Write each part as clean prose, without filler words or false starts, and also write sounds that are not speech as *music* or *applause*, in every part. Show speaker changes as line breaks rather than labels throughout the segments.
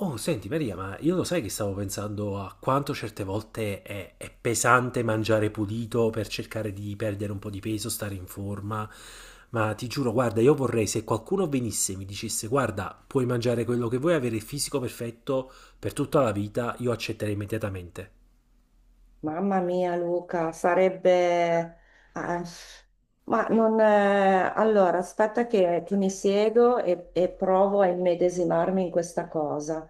Oh, senti Maria, ma io lo sai che stavo pensando a quanto certe volte è pesante mangiare pulito per cercare di perdere un po' di peso, stare in forma. Ma ti giuro, guarda, io vorrei se qualcuno venisse e mi dicesse, guarda, puoi mangiare quello che vuoi, avere il fisico perfetto per tutta la vita, io accetterei immediatamente.
Mamma mia, Luca, sarebbe... ah, ma non... allora, aspetta che mi siedo e provo a immedesimarmi in questa cosa.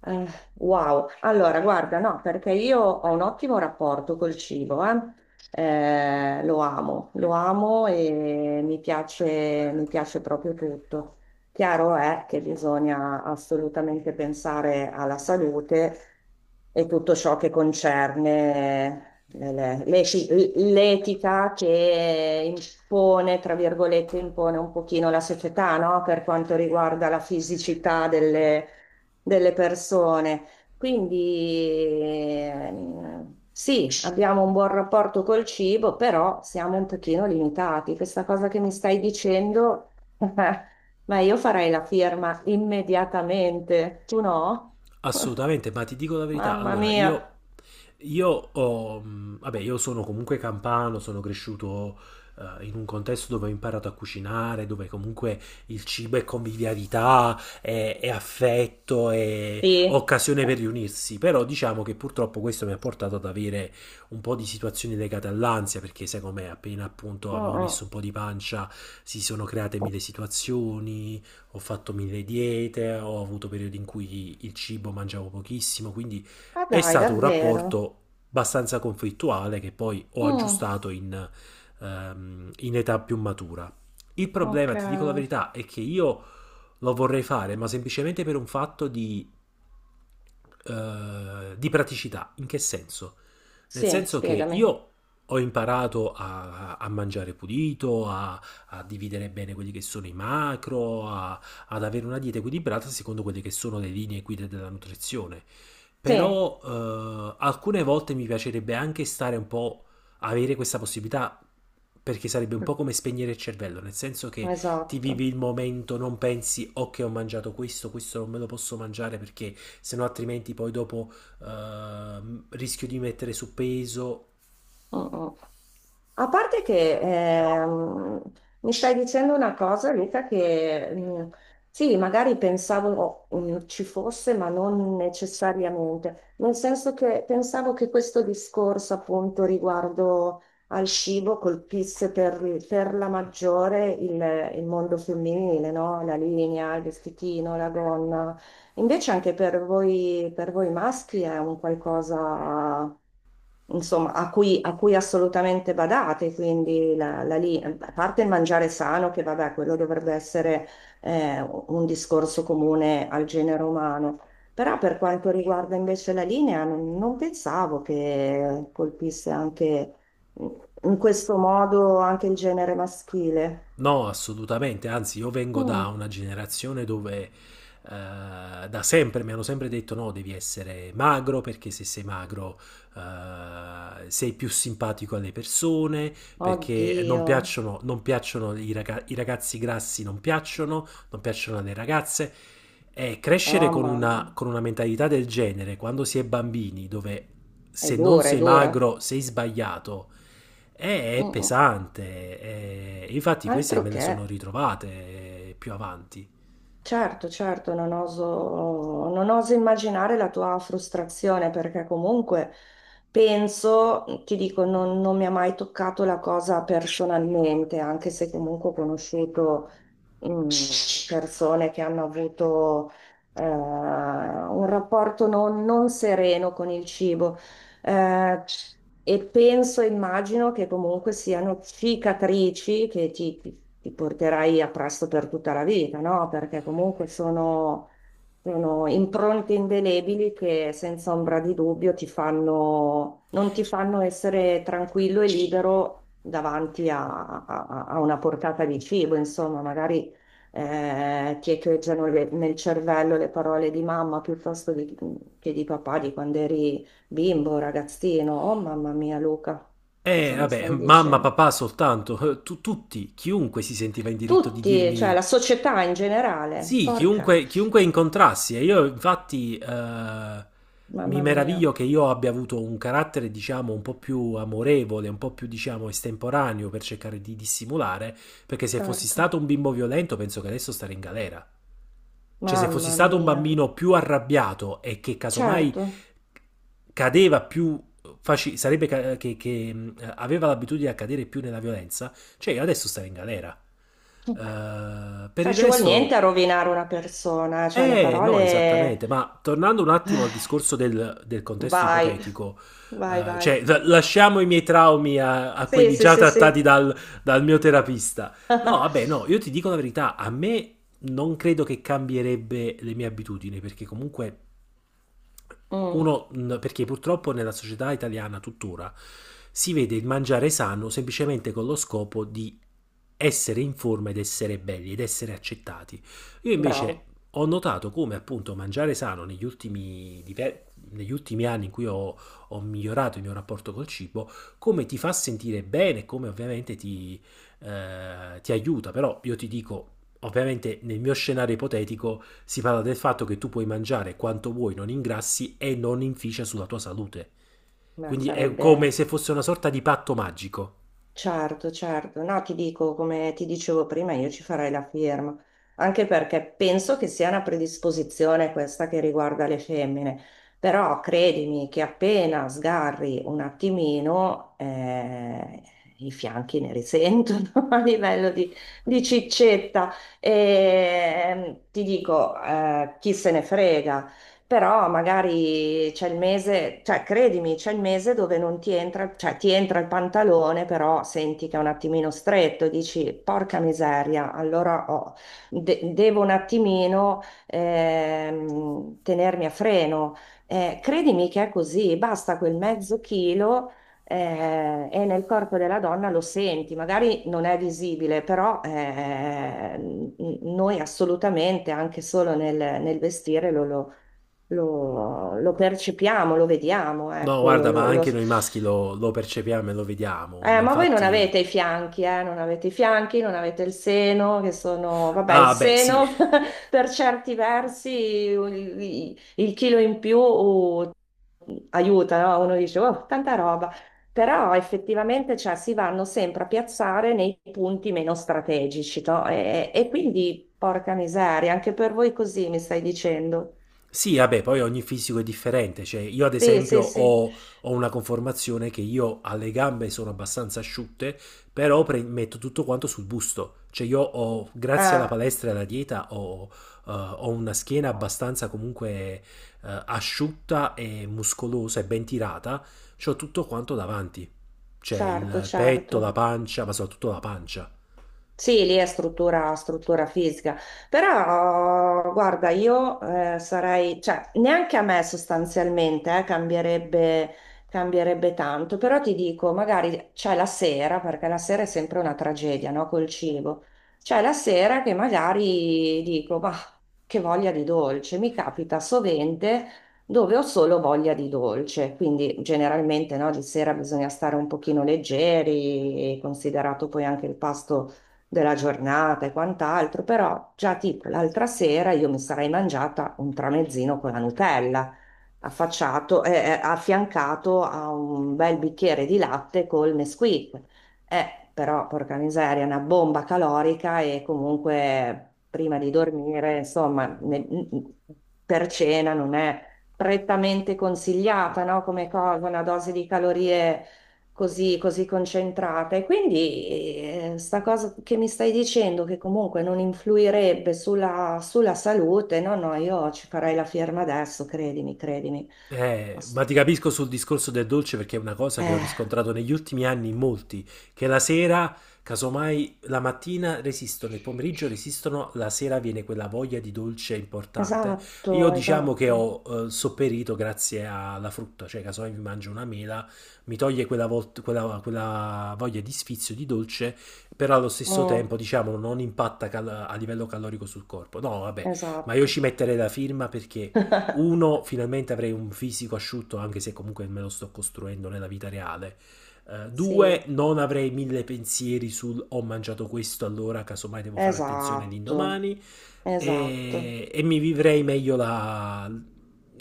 Eh, wow. Allora, guarda, no, perché io ho un ottimo rapporto col cibo, eh. Lo amo e mi piace proprio tutto. Chiaro è che bisogna assolutamente pensare alla salute e tutto ciò che concerne l'etica che impone, tra virgolette, impone un pochino la società, no? Per quanto riguarda la fisicità delle, delle persone. Quindi sì, abbiamo un buon rapporto col cibo, però siamo un pochino limitati. Questa cosa che mi stai dicendo... *laughs* Ma io farei la firma immediatamente, tu no? *laughs*
Assolutamente, ma ti dico la verità,
Mamma
allora
mia,
io ho, vabbè, io sono comunque campano, sono cresciuto in un contesto dove ho imparato a cucinare, dove comunque il cibo è convivialità, è affetto, è
sì.
occasione per riunirsi, però diciamo che purtroppo questo mi ha portato ad avere un po' di situazioni legate all'ansia, perché secondo me appena appunto
Mm,
avevo
mm.
messo un po' di pancia si sono create mille situazioni, ho fatto mille diete, ho avuto periodi in cui il cibo mangiavo pochissimo, quindi
Ah
è
dai,
stato un
davvero?
rapporto abbastanza conflittuale che poi ho
Mm,
aggiustato in età più matura. Il
ok.
problema, ti dico la verità, è che io lo vorrei fare, ma semplicemente per un fatto di praticità. In che senso? Nel
Sì,
senso che
spiegami.
io ho imparato a mangiare pulito, a, a, dividere bene quelli che sono i macro, a, ad avere una dieta equilibrata secondo quelle che sono le linee guida della nutrizione.
Sì,
Però alcune volte mi piacerebbe anche stare un po', avere questa possibilità, perché sarebbe un po' come spegnere il cervello, nel senso che ti vivi
esatto.
il momento, non pensi ok ho mangiato questo, questo non me lo posso mangiare perché sennò altrimenti poi dopo rischio di mettere su peso.
Mm, mm. A parte che mi stai dicendo una cosa, Luca, che sì, magari pensavo ci fosse, ma non necessariamente, nel senso che pensavo che questo discorso appunto riguardo al cibo colpisse per la maggiore il mondo femminile, no? La linea, il vestitino, la gonna. Invece anche per voi maschi è un qualcosa, insomma, a cui assolutamente badate, quindi la, la lì, a parte il mangiare sano, che vabbè, quello dovrebbe essere un discorso comune al genere umano, però per quanto riguarda invece la linea, non, non pensavo che colpisse anche mm, in questo modo anche il genere maschile.
No, assolutamente, anzi io vengo da
Mm.
una generazione dove da sempre mi hanno sempre detto no, devi essere magro perché se sei magro sei più simpatico alle persone, perché non
Oddio,
piacciono, non piacciono i i ragazzi grassi, non piacciono alle ragazze. E
oh
crescere con
mamma,
una mentalità del genere quando si è bambini, dove
è
se non
dura, è
sei
dura.
magro sei sbagliato è
Mm, mm.
pesante, infatti queste
Altro
me le sono
che,
ritrovate più avanti.
certo, certo, non oso, non oso immaginare la tua frustrazione perché comunque penso, mhmm, ti dico, non, non mi ha mai toccato la cosa personalmente, anche se comunque ho conosciuto mm, persone che hanno avuto un rapporto non, non sereno con il cibo. Eh, e penso, immagino che comunque siano cicatrici che ti, ti porterai appresso per tutta la vita, no? Perché comunque sono, sono impronte indelebili che senza ombra di dubbio ti fanno, non ti fanno essere tranquillo e libero davanti a, a una portata di cibo, insomma, magari ti echeggiano nel cervello le parole di mamma piuttosto che di papà di quando eri bimbo, ragazzino. Oh mamma mia, Luca,
E
cosa mi
vabbè,
stai
mamma,
dicendo?
papà soltanto, tutti, chiunque si sentiva in diritto di
Tutti, cioè
dirmi
la società in generale.
sì,
Porca,
chiunque, chiunque incontrassi. E io infatti mi
mamma mia,
meraviglio che io abbia avuto un carattere, diciamo, un po' più amorevole, un po' più, diciamo, estemporaneo per cercare di dissimulare, perché se fossi
certo,
stato un bimbo violento penso che adesso starei in galera. Cioè, se fossi
mamma
stato un
mia,
bambino più arrabbiato e che casomai
certo.
cadeva più faci- sarebbe ca- che, aveva l'abitudine a cadere più nella violenza, cioè io adesso stare in galera. Per
Cioè
il
ci vuol niente a
resto
rovinare una persona, cioè le
no,
parole...
esattamente, ma tornando un attimo al
eh,
discorso del contesto
vai,
ipotetico,
vai, vai.
cioè lasciamo i miei traumi a
Sì,
quelli
sì,
già
sì, sì.
trattati dal mio terapista. No, vabbè, no,
*laughs*
io ti dico la verità, a me non credo che cambierebbe le mie abitudini, perché comunque
Mm,
uno, perché purtroppo nella società italiana tuttora si vede il mangiare sano semplicemente con lo scopo di essere in forma ed essere belli ed essere accettati. Io invece
bravo,
ho notato come appunto mangiare sano negli negli ultimi anni in cui ho, ho migliorato il mio rapporto col cibo, come ti fa sentire bene, come ovviamente ti, ti aiuta. Però io ti dico, ovviamente nel mio scenario ipotetico, si parla del fatto che tu puoi mangiare quanto vuoi, non ingrassi e non inficia sulla tua salute.
ma
Quindi è come
sarebbe...
se fosse una sorta di patto magico.
Certo, certo. No, ti dico, come ti dicevo prima, io ci farei la firma, anche perché penso che sia una predisposizione questa che riguarda le femmine, però credimi che appena sgarri un attimino, i fianchi ne risentono *laughs* a livello di ciccetta. E, ti dico, chi se ne frega, però magari c'è il mese, cioè credimi, c'è il mese dove non ti entra, cioè ti entra il pantalone, però senti che è un attimino stretto, e dici porca miseria, allora devo un attimino tenermi a freno. Credimi che è così, basta quel mezzo chilo. Eh, e nel corpo della donna lo senti, magari non è visibile, però noi assolutamente, anche solo nel, nel vestire, lo, lo percepiamo, lo vediamo,
No,
ecco,
guarda, ma
lo
anche
s-
noi maschi lo percepiamo e lo vediamo. Ma
Ma voi non
infatti.
avete i fianchi, non avete i fianchi, non avete il seno, che sono, vabbè, il
Ah, beh, sì.
seno *laughs* per certi versi, il chilo in più aiuta, no? Uno dice, oh, tanta roba. Però effettivamente cioè, si vanno sempre a piazzare nei punti meno strategici, no? E quindi, porca miseria, anche per voi così mi stai dicendo.
Sì, vabbè, poi ogni fisico è differente, cioè io ad
Sì,
esempio
sì, sì.
ho, ho una conformazione che io alle gambe sono abbastanza asciutte, però metto tutto quanto sul busto, cioè io ho, grazie alla
Ah.
palestra e alla dieta, ho, ho una schiena abbastanza comunque asciutta e muscolosa e ben tirata, c'ho tutto quanto davanti, cioè
Certo,
il petto, la
certo.
pancia, ma soprattutto la pancia.
Sì, lì è struttura, struttura fisica, però guarda, io sarei, cioè neanche a me sostanzialmente cambierebbe, cambierebbe tanto, però ti dico, magari c'è la sera, perché la sera è sempre una tragedia, no? Col cibo, c'è la sera che magari dico, ma che voglia di dolce, mi capita sovente dove ho solo voglia di dolce, quindi generalmente no, di sera bisogna stare un pochino leggeri, considerato poi anche il pasto della giornata e quant'altro, però già tipo l'altra sera io mi sarei mangiata un tramezzino con la Nutella, affacciato, affiancato a un bel bicchiere di latte col Nesquik. Però, porca miseria, è una bomba calorica e comunque prima di dormire, insomma, per cena non è prettamente consigliata, no? Come cosa, una dose di calorie così, così concentrata. E quindi sta cosa che mi stai dicendo, che comunque non influirebbe sulla, sulla salute, no, no, io ci farei la firma adesso, credimi, credimi.
Ma
Ass-
ti capisco sul discorso del dolce perché è una cosa che ho
Eh,
riscontrato negli ultimi anni in molti, che la sera, casomai la mattina resistono, il pomeriggio resistono, la sera viene quella voglia di dolce importante. Io
esatto,
diciamo che
esatto.
ho sopperito grazie alla frutta, cioè casomai mi mangio una mela, mi toglie quella voglia di sfizio di dolce, però allo stesso
Mm,
tempo diciamo non impatta a livello calorico sul corpo. No, vabbè, ma io ci
esatto,
metterei la firma perché... Uno, finalmente avrei un fisico asciutto, anche se comunque me lo sto costruendo nella vita reale. Due,
sì,
non avrei mille pensieri sul ho mangiato questo, allora casomai devo fare attenzione
esatto,
l'indomani.
esatto.
E mi vivrei meglio la,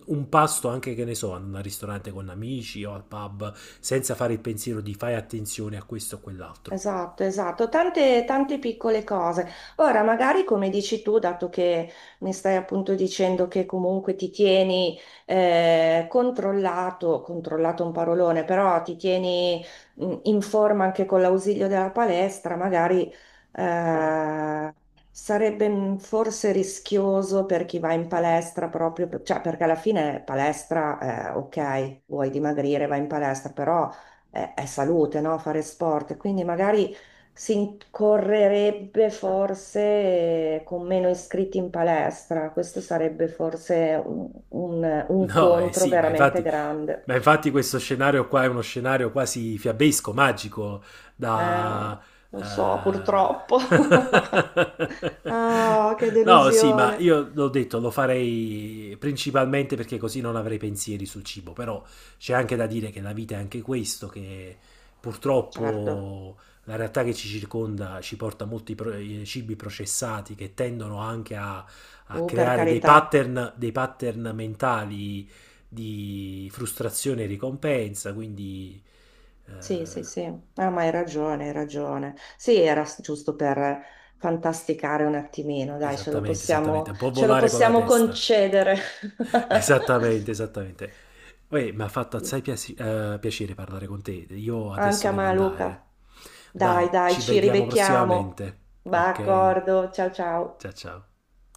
un pasto anche che ne so, in un ristorante con amici o al pub, senza fare il pensiero di fai attenzione a questo o quell'altro.
Esatto, esatto, tante, tante piccole cose. Ora, magari come dici tu, dato che mi stai appunto dicendo che comunque ti tieni controllato, controllato è un parolone, però ti tieni in forma anche con l'ausilio della palestra, magari eh, sarebbe forse rischioso per chi va in palestra proprio, cioè perché alla fine palestra, ok, vuoi dimagrire, vai in palestra, però è salute, no? Fare sport, quindi magari si incorrerebbe forse con meno iscritti in palestra, questo sarebbe forse un, un
No, eh
contro
sì, ma
veramente
infatti,
grande.
ma infatti questo scenario qua è uno scenario quasi fiabesco, magico,
Eh,
da...
non so,
eh,
purtroppo.
*laughs*
*laughs* Ah, che
No, sì, ma
delusione.
io l'ho detto, lo farei principalmente perché così non avrei pensieri sul cibo, però c'è anche da dire che la vita è anche questo, che
Certo,
purtroppo la realtà che ci circonda ci porta a molti cibi processati che tendono anche a
oh, per
creare
carità.
dei pattern mentali di frustrazione e ricompensa, quindi eh,
Sì, sì, sì, ah, ma hai ragione, hai ragione. Sì, era giusto per fantasticare un attimino, dai,
esattamente, esattamente, un po'
ce lo
volare con la
possiamo
testa,
concedere.
*laughs*
*laughs*
esattamente, esattamente. Uè, mi ha fatto
Sì.
assai piacere parlare con te, io
Anche
adesso
a
devo
me,
andare.
Luca.
Dai,
Dai, dai,
ci
ci
vediamo
ribecchiamo.
prossimamente,
Va,
ok?
d'accordo, ciao ciao.
Ciao ciao.